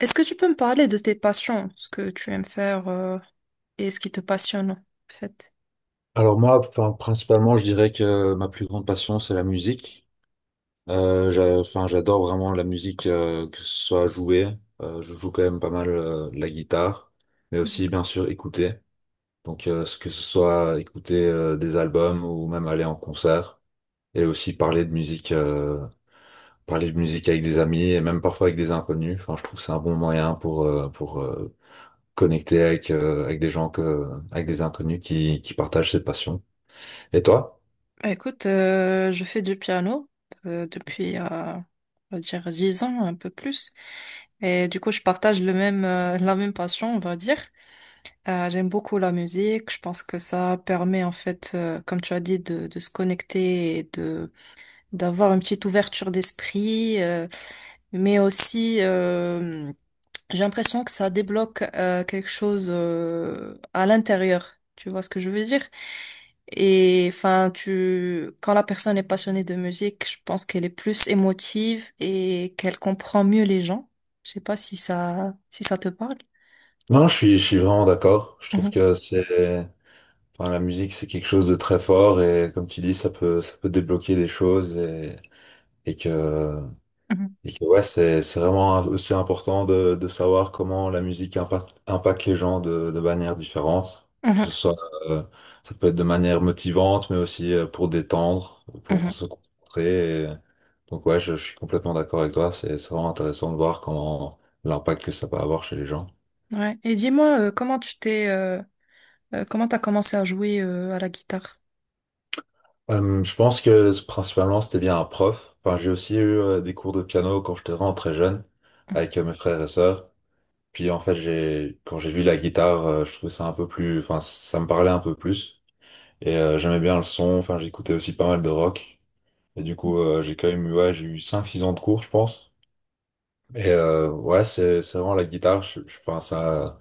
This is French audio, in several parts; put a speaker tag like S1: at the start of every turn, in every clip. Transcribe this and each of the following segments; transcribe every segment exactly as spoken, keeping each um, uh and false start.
S1: Est-ce que tu peux me parler de tes passions, ce que tu aimes faire euh, et ce qui te passionne, en fait?
S2: Alors moi, enfin, principalement, je dirais que ma plus grande passion, c'est la musique. Euh, j'a- enfin, j'adore vraiment la musique, euh, que ce soit jouer. Euh, je joue quand même pas mal euh, la guitare, mais
S1: Mm.
S2: aussi bien sûr écouter. Donc euh, ce que ce soit écouter euh, des albums ou même aller en concert et aussi parler de musique, euh, parler de musique avec des amis et même parfois avec des inconnus. Enfin, je trouve que c'est un bon moyen pour euh, pour euh, connecter avec euh, avec des gens que avec des inconnus qui qui partagent cette passion. Et toi?
S1: Bah, Écoute, euh, je fais du piano euh, depuis, euh, on va dire, dix ans, un peu plus. Et du coup, je partage le même, euh, la même passion, on va dire. Euh, j'aime beaucoup la musique. Je pense que ça permet, en fait, euh, comme tu as dit, de, de se connecter et de d'avoir une petite ouverture d'esprit, euh, mais aussi... euh, j'ai l'impression que ça débloque euh, quelque chose euh, à l'intérieur. Tu vois ce que je veux dire? Et enfin, tu, quand la personne est passionnée de musique, je pense qu'elle est plus émotive et qu'elle comprend mieux les gens. Je sais pas si ça, si ça te parle.
S2: Non, je suis, je suis vraiment d'accord. Je trouve
S1: Mhm,
S2: que c'est, enfin, la musique, c'est quelque chose de très fort et comme tu dis, ça peut, ça peut débloquer des choses et, et que,
S1: mhm,
S2: et que ouais, c'est, c'est vraiment aussi important de, de savoir comment la musique impacte, impacte les gens de, de manière différente. Que
S1: mhm,
S2: ce soit, euh, Ça peut être de manière motivante, mais aussi euh, pour détendre,
S1: mhm.
S2: pour se concentrer. et- Donc ouais, je, je suis complètement d'accord avec toi. C'est, c'est vraiment intéressant de voir comment l'impact que ça peut avoir chez les gens.
S1: Ouais. Et dis-moi, euh, comment tu t'es, euh, euh, comment t'as commencé à jouer euh, à la guitare?
S2: Euh, je pense que c- principalement c'était bien un prof. Enfin, j'ai aussi eu euh, des cours de piano quand j'étais vraiment très jeune avec euh, mes frères et sœurs. Puis en fait, j'ai quand j'ai vu la guitare, euh, je trouvais ça un peu plus, enfin, ça me parlait un peu plus et euh, j'aimais bien le son. Enfin, j'écoutais aussi pas mal de rock et du coup, euh, j'ai quand même eu, ouais, j'ai eu cinq, six ans de cours, je pense. Et euh, ouais, c'est c'est vraiment la guitare. Je, je pense à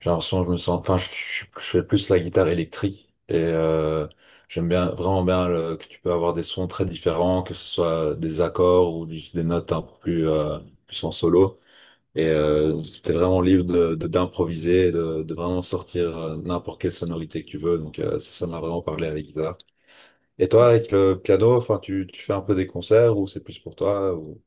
S2: j'ai l'impression que je me sens. Enfin, je, je- je fais plus la guitare électrique et euh, j'aime bien vraiment bien le- que tu peux avoir des sons très différents, que ce soit des accords ou juste des notes un peu plus euh, plus en solo. Et euh, t'es vraiment libre de de- d'improviser, de, de vraiment sortir euh, n'importe quelle sonorité que tu veux. Donc euh, ça, ça m'a vraiment parlé avec la guitare. Et toi, avec le piano, enfin, tu tu fais un peu des concerts ou c'est plus pour toi ou?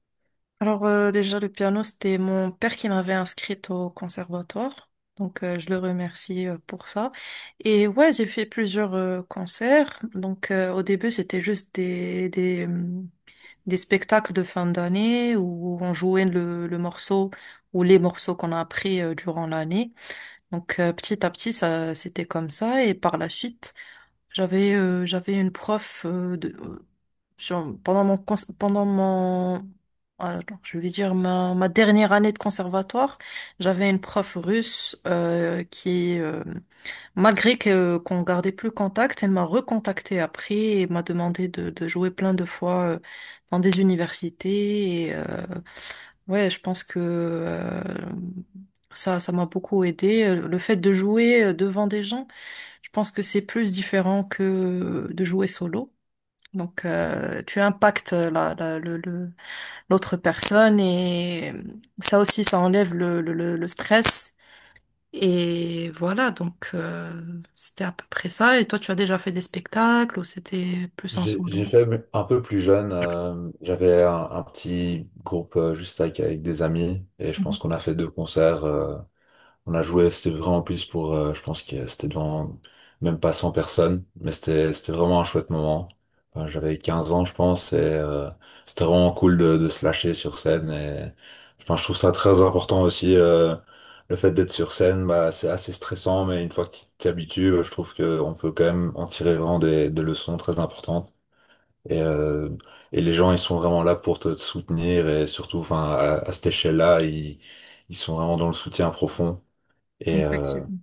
S1: Alors euh, déjà le piano c'était mon père qui m'avait inscrite au conservatoire donc euh, je le remercie euh, pour ça et ouais j'ai fait plusieurs euh, concerts donc euh, au début c'était juste des des hum, des spectacles de fin d'année où on jouait le le morceau ou les morceaux qu'on a appris euh, durant l'année donc euh, petit à petit ça c'était comme ça et par la suite j'avais euh, j'avais une prof euh, de sur- pendant mon, cons- pendant mon, alors, je vais dire ma, ma dernière année de conservatoire, j'avais une prof russe euh, qui, euh, malgré que qu'on gardait plus contact, elle m'a recontacté après et m'a demandé de, de jouer plein de fois euh, dans des universités. Et, euh, ouais, je pense que euh, ça, ça m'a beaucoup aidé. Le fait de jouer euh, devant des gens, je pense que c'est plus différent que euh, de jouer solo. Donc, euh, tu impactes la, la- le, le- l'autre personne et ça aussi, ça enlève le, le, le, le stress. Et voilà, donc euh, c'était à peu près ça. Et toi, tu as déjà fait des spectacles ou c'était plus en
S2: J'ai j'ai
S1: solo?
S2: fait un peu plus jeune. Euh, j'avais un, un petit groupe euh, juste avec, avec des amis et je pense
S1: Mhm.
S2: qu'on a fait deux concerts. Euh, on a joué, c'était vraiment plus pour, euh, je pense que c'était devant même pas cent personnes, mais c'était c'était vraiment un chouette moment. Enfin, j'avais quinze ans, je pense, et euh, c'était vraiment cool de, de se lâcher sur scène. Et je pense je trouve ça très important aussi. Euh, le fait d'être sur scène, bah, c'est assez stressant, mais une fois que tu t'y habitues, euh, je trouve qu'on peut quand même en tirer vraiment des des leçons très importantes. Et, euh, et les gens, ils sont vraiment là pour te, te soutenir et surtout, enfin, à, à cette échelle-là, ils, ils sont vraiment dans le soutien profond. Et euh,
S1: Effectivement.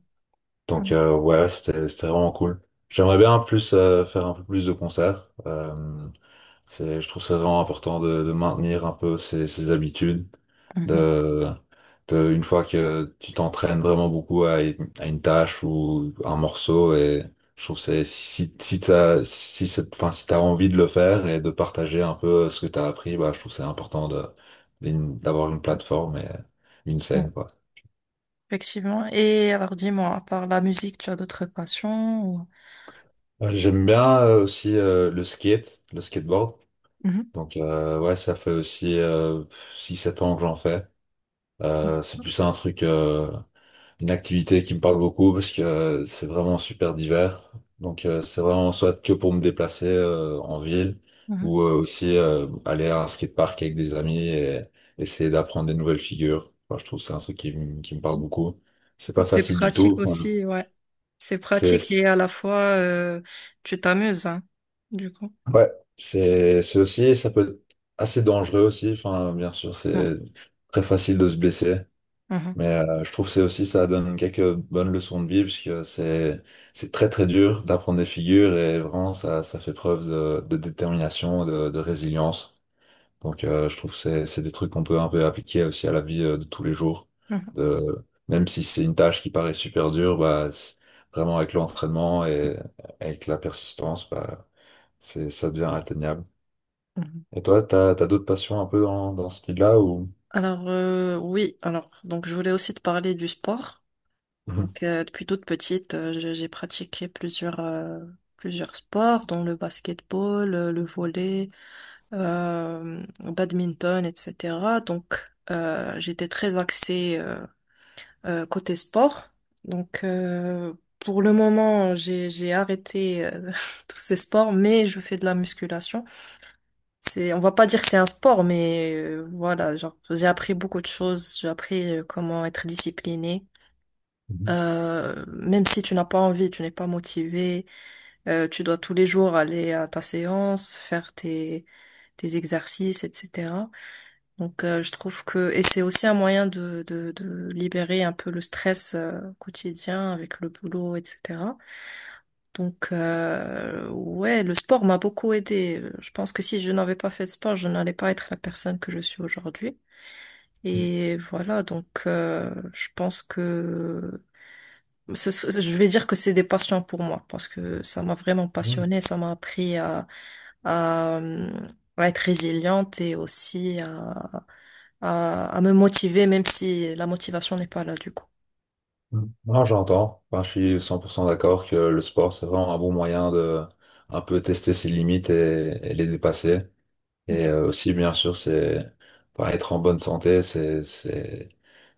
S2: donc,
S1: Mhm,
S2: euh, ouais, c'était, c'était vraiment cool. J'aimerais bien plus euh, faire un peu plus de concerts. Euh, c'est, je trouve ça vraiment important de, de maintenir un peu ces, ces habitudes.
S1: mhm,
S2: De, de- une fois que tu t'entraînes vraiment beaucoup à, une à une tâche ou un morceau, et je trouve que c'est- si, si si t'as, si c'est- enfin, si t'as envie de le faire et de partager un peu ce que t'as appris, bah, je trouve que c'est important de, d'une- d'avoir une plateforme et une
S1: mhm.
S2: scène, quoi.
S1: Effectivement. Et alors, dis-moi, à part la musique, tu as d'autres passions ou-
S2: Euh, J'aime bien euh, aussi euh, le skate, le skateboard.
S1: Mhm.
S2: Donc, euh, ouais, ça fait aussi euh, six sept ans que j'en fais. Euh, c'est plus un truc, euh, une activité qui me parle beaucoup parce que euh, c'est vraiment super divers. Donc euh, c'est vraiment soit que pour me déplacer euh, en ville
S1: Mhm.
S2: ou euh, aussi euh, aller à un skatepark avec des amis et essayer d'apprendre des nouvelles figures. Enfin, je trouve que c'est un truc qui, me- qui me parle beaucoup. C'est
S1: Mhm.
S2: pas
S1: C'est
S2: facile du
S1: pratique
S2: tout. Enfin,
S1: aussi, ouais. C'est
S2: c'est
S1: pratique et à
S2: c'est-
S1: la fois, euh, tu t'amuses, hein, du coup.
S2: ouais, c'est c'est aussi ça peut être assez dangereux aussi. Enfin, bien sûr, c'est très facile de se blesser.
S1: Mhm,
S2: Mais euh, je trouve que c'est aussi ça donne quelques bonnes leçons de vie puisque c'est c'est très très dur d'apprendre des figures et vraiment ça ça fait preuve de, de détermination de, de résilience. Donc euh, je trouve que c'est c'est des trucs qu'on peut un peu appliquer aussi à la vie euh, de tous les jours.
S1: mhm,
S2: De même si c'est une tâche qui paraît super dure, bah c'est- vraiment avec l'entraînement et avec la persistance, bah c'est ça devient atteignable.
S1: mhm.
S2: Et toi, t'as t'as d'autres passions un peu dans dans ce style-là ou?
S1: Alors euh, oui, alors donc je voulais aussi te parler du sport. Donc euh, depuis toute petite, euh, j'ai j'ai pratiqué plusieurs euh, plusieurs sports, dont le basketball, euh, le volley, euh, le badminton, et cetera. Donc euh, j'étais très axée euh, euh, côté sport. Donc euh, pour le moment, j'ai j'ai arrêté euh, tous ces sports, mais je fais de la musculation. C'est, on va pas dire que c'est un sport, mais euh, voilà, genre j'ai appris beaucoup de choses. J'ai appris euh, comment être discipliné. Euh, même si tu n'as pas envie, tu n'es pas motivé, euh, tu dois tous les jours aller à ta séance, faire tes tes exercices, et cetera. Donc euh, je trouve que et c'est aussi un moyen de, de de libérer un peu le stress euh, quotidien avec le boulot, et cetera. Donc, euh, ouais, le sport m'a beaucoup aidé. Je pense que si je n'avais pas fait de sport, je n'allais pas être la personne que je suis aujourd'hui. Et voilà, donc euh, je pense que ce- ce- je vais dire que c'est des passions pour moi parce que ça m'a vraiment passionnée, ça m'a appris à, à, euh, à être résiliente et aussi à, à, à me motiver, même si la motivation n'est pas là du coup.
S2: Mm. Non, j'entends. Enfin, je suis cent pour cent d'accord que le sport, c'est vraiment un bon moyen de un peu tester ses limites et, et les dépasser. Et euh, aussi, bien sûr, c'est enfin, être en bonne santé, c'est c'est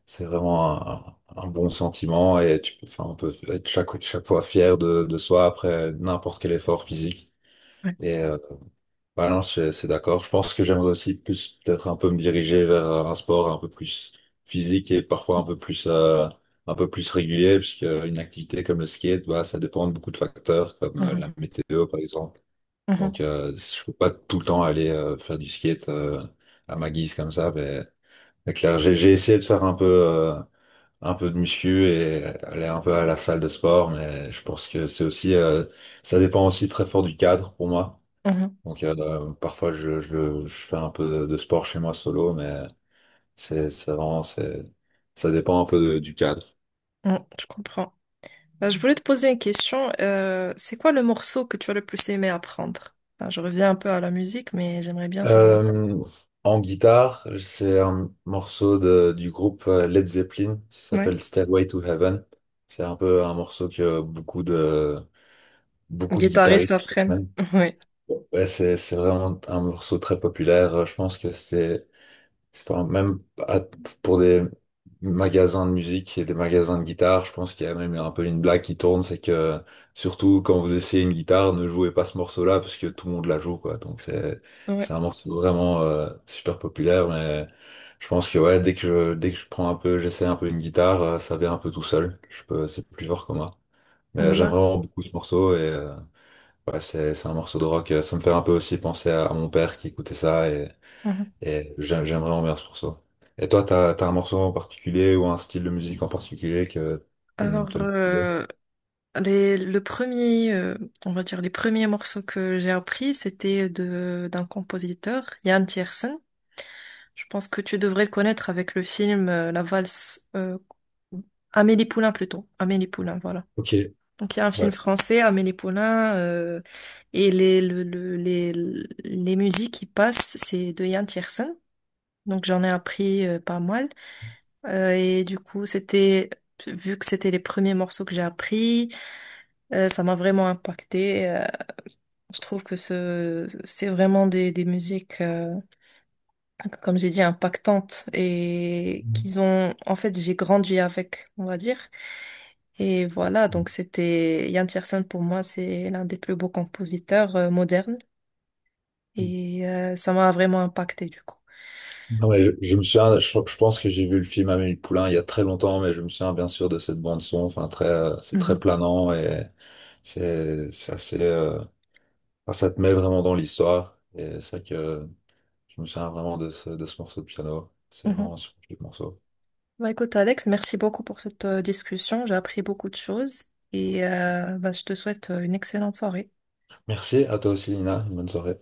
S2: c'est vraiment un, un bon sentiment et tu peux, enfin, on peut être chaque chaque fois fier de, de soi après n'importe quel effort physique. Et euh, bah non, c'est c'est d'accord. Je pense que j'aimerais aussi plus peut-être un peu me diriger vers un sport un peu plus physique et parfois un peu plus euh, un peu plus régulier, puisque une activité comme le skate, bah ça dépend de beaucoup de facteurs, comme euh,
S1: Mhm,
S2: la météo par exemple. Donc
S1: mhm,
S2: euh, je peux pas tout le temps aller euh, faire du skate euh, à ma guise comme ça, mais, mais clair, j'ai j'ai essayé de faire un peu euh, un peu de muscu et aller un peu à la salle de sport, mais je pense que c'est aussi euh, ça dépend aussi très fort du cadre pour moi.
S1: mhm,
S2: Donc euh, parfois je, je, je fais un peu de, de sport chez moi solo, mais c'est c'est vraiment c'est ça dépend un peu de- du cadre.
S1: mhm, je comprends. Euh, Je voulais te poser une question. Euh, c'est quoi le morceau que tu as le plus aimé apprendre? Enfin, je reviens un peu à la musique, mais j'aimerais bien savoir.
S2: Euh, En guitare, c'est un morceau de- du groupe euh, Led Zeppelin, ça
S1: Ouais.
S2: s'appelle Stairway to Heaven. C'est un peu un morceau que beaucoup de beaucoup de
S1: Guitariste
S2: guitaristes
S1: apprenne.
S2: aiment.
S1: Ouais.
S2: Ouais, c'est c'est vraiment un morceau très populaire. Je pense que c'est c'est enfin, même à- pour des magasins de musique et des magasins de guitare, je pense qu'il y a même un peu une blague qui tourne, c'est que surtout quand vous essayez une guitare, ne jouez pas ce morceau-là parce que tout le monde la joue, quoi. Donc c'est
S1: Ouais.
S2: c'est un morceau vraiment euh, super populaire, mais je pense que ouais, dès que je dès que je prends un peu, j'essaie un peu une guitare, euh, ça vient un peu tout seul. Je peux, c'est plus fort que moi. Mais j'aime
S1: Là.
S2: vraiment beaucoup ce morceau et euh, ouais, c'est c'est un morceau de rock. Ça me fait un peu aussi penser à, à mon père qui écoutait ça et
S1: Mhm.
S2: j'a- j'aimerais en verse pour ça. Et toi, t'as, t'as un morceau en particulier ou un style de musique en particulier que t'aimes,
S1: Alors,
S2: t'aimes bien
S1: euh, les, le premier, euh, on va dire les premiers morceaux que j'ai appris, c'était de d'un compositeur, Jan Tiersen. Je pense que tu devrais le connaître avec le film euh, La valse euh, Amélie Poulain plutôt. Amélie Poulain, voilà.
S2: Ok,
S1: Donc il y a un film
S2: ouais.
S1: français, Amélie Poulain, euh, et les, le, le- les, les musiques qui passent, c'est de Yann Tiersen. Donc j'en ai appris euh, pas mal. Euh, et du coup, c'était, vu que c'était les premiers morceaux que j'ai appris, euh, ça m'a vraiment impacté. Je trouve que ce, c'est vraiment des, des musiques. Euh, comme j'ai dit, impactantes et qu'ils ont, en fait, j'ai grandi avec, on va dire. Et voilà, donc c'était Ian Tiersen pour moi, c'est l'un des plus beaux compositeurs euh, modernes et euh, ça m'a vraiment impacté du coup.
S2: Non, mais je, je me souviens, je, je pense que j'ai vu le film Amélie Poulain il y a très longtemps, mais je me souviens bien sûr de cette bande son. Enfin, très, euh, c'est très
S1: Mhm.
S2: planant et c'est, c'est assez, euh, enfin, ça te met vraiment dans l'histoire. Et c'est vrai que je me souviens vraiment de ce, de ce morceau de piano. C'est
S1: Mhm.
S2: vraiment un super morceau.
S1: Bah écoute Alex, merci beaucoup pour cette euh, discussion, j'ai appris beaucoup de choses et euh, bah, je te souhaite euh, une excellente soirée.
S2: Merci à toi aussi, Lina. Une bonne soirée.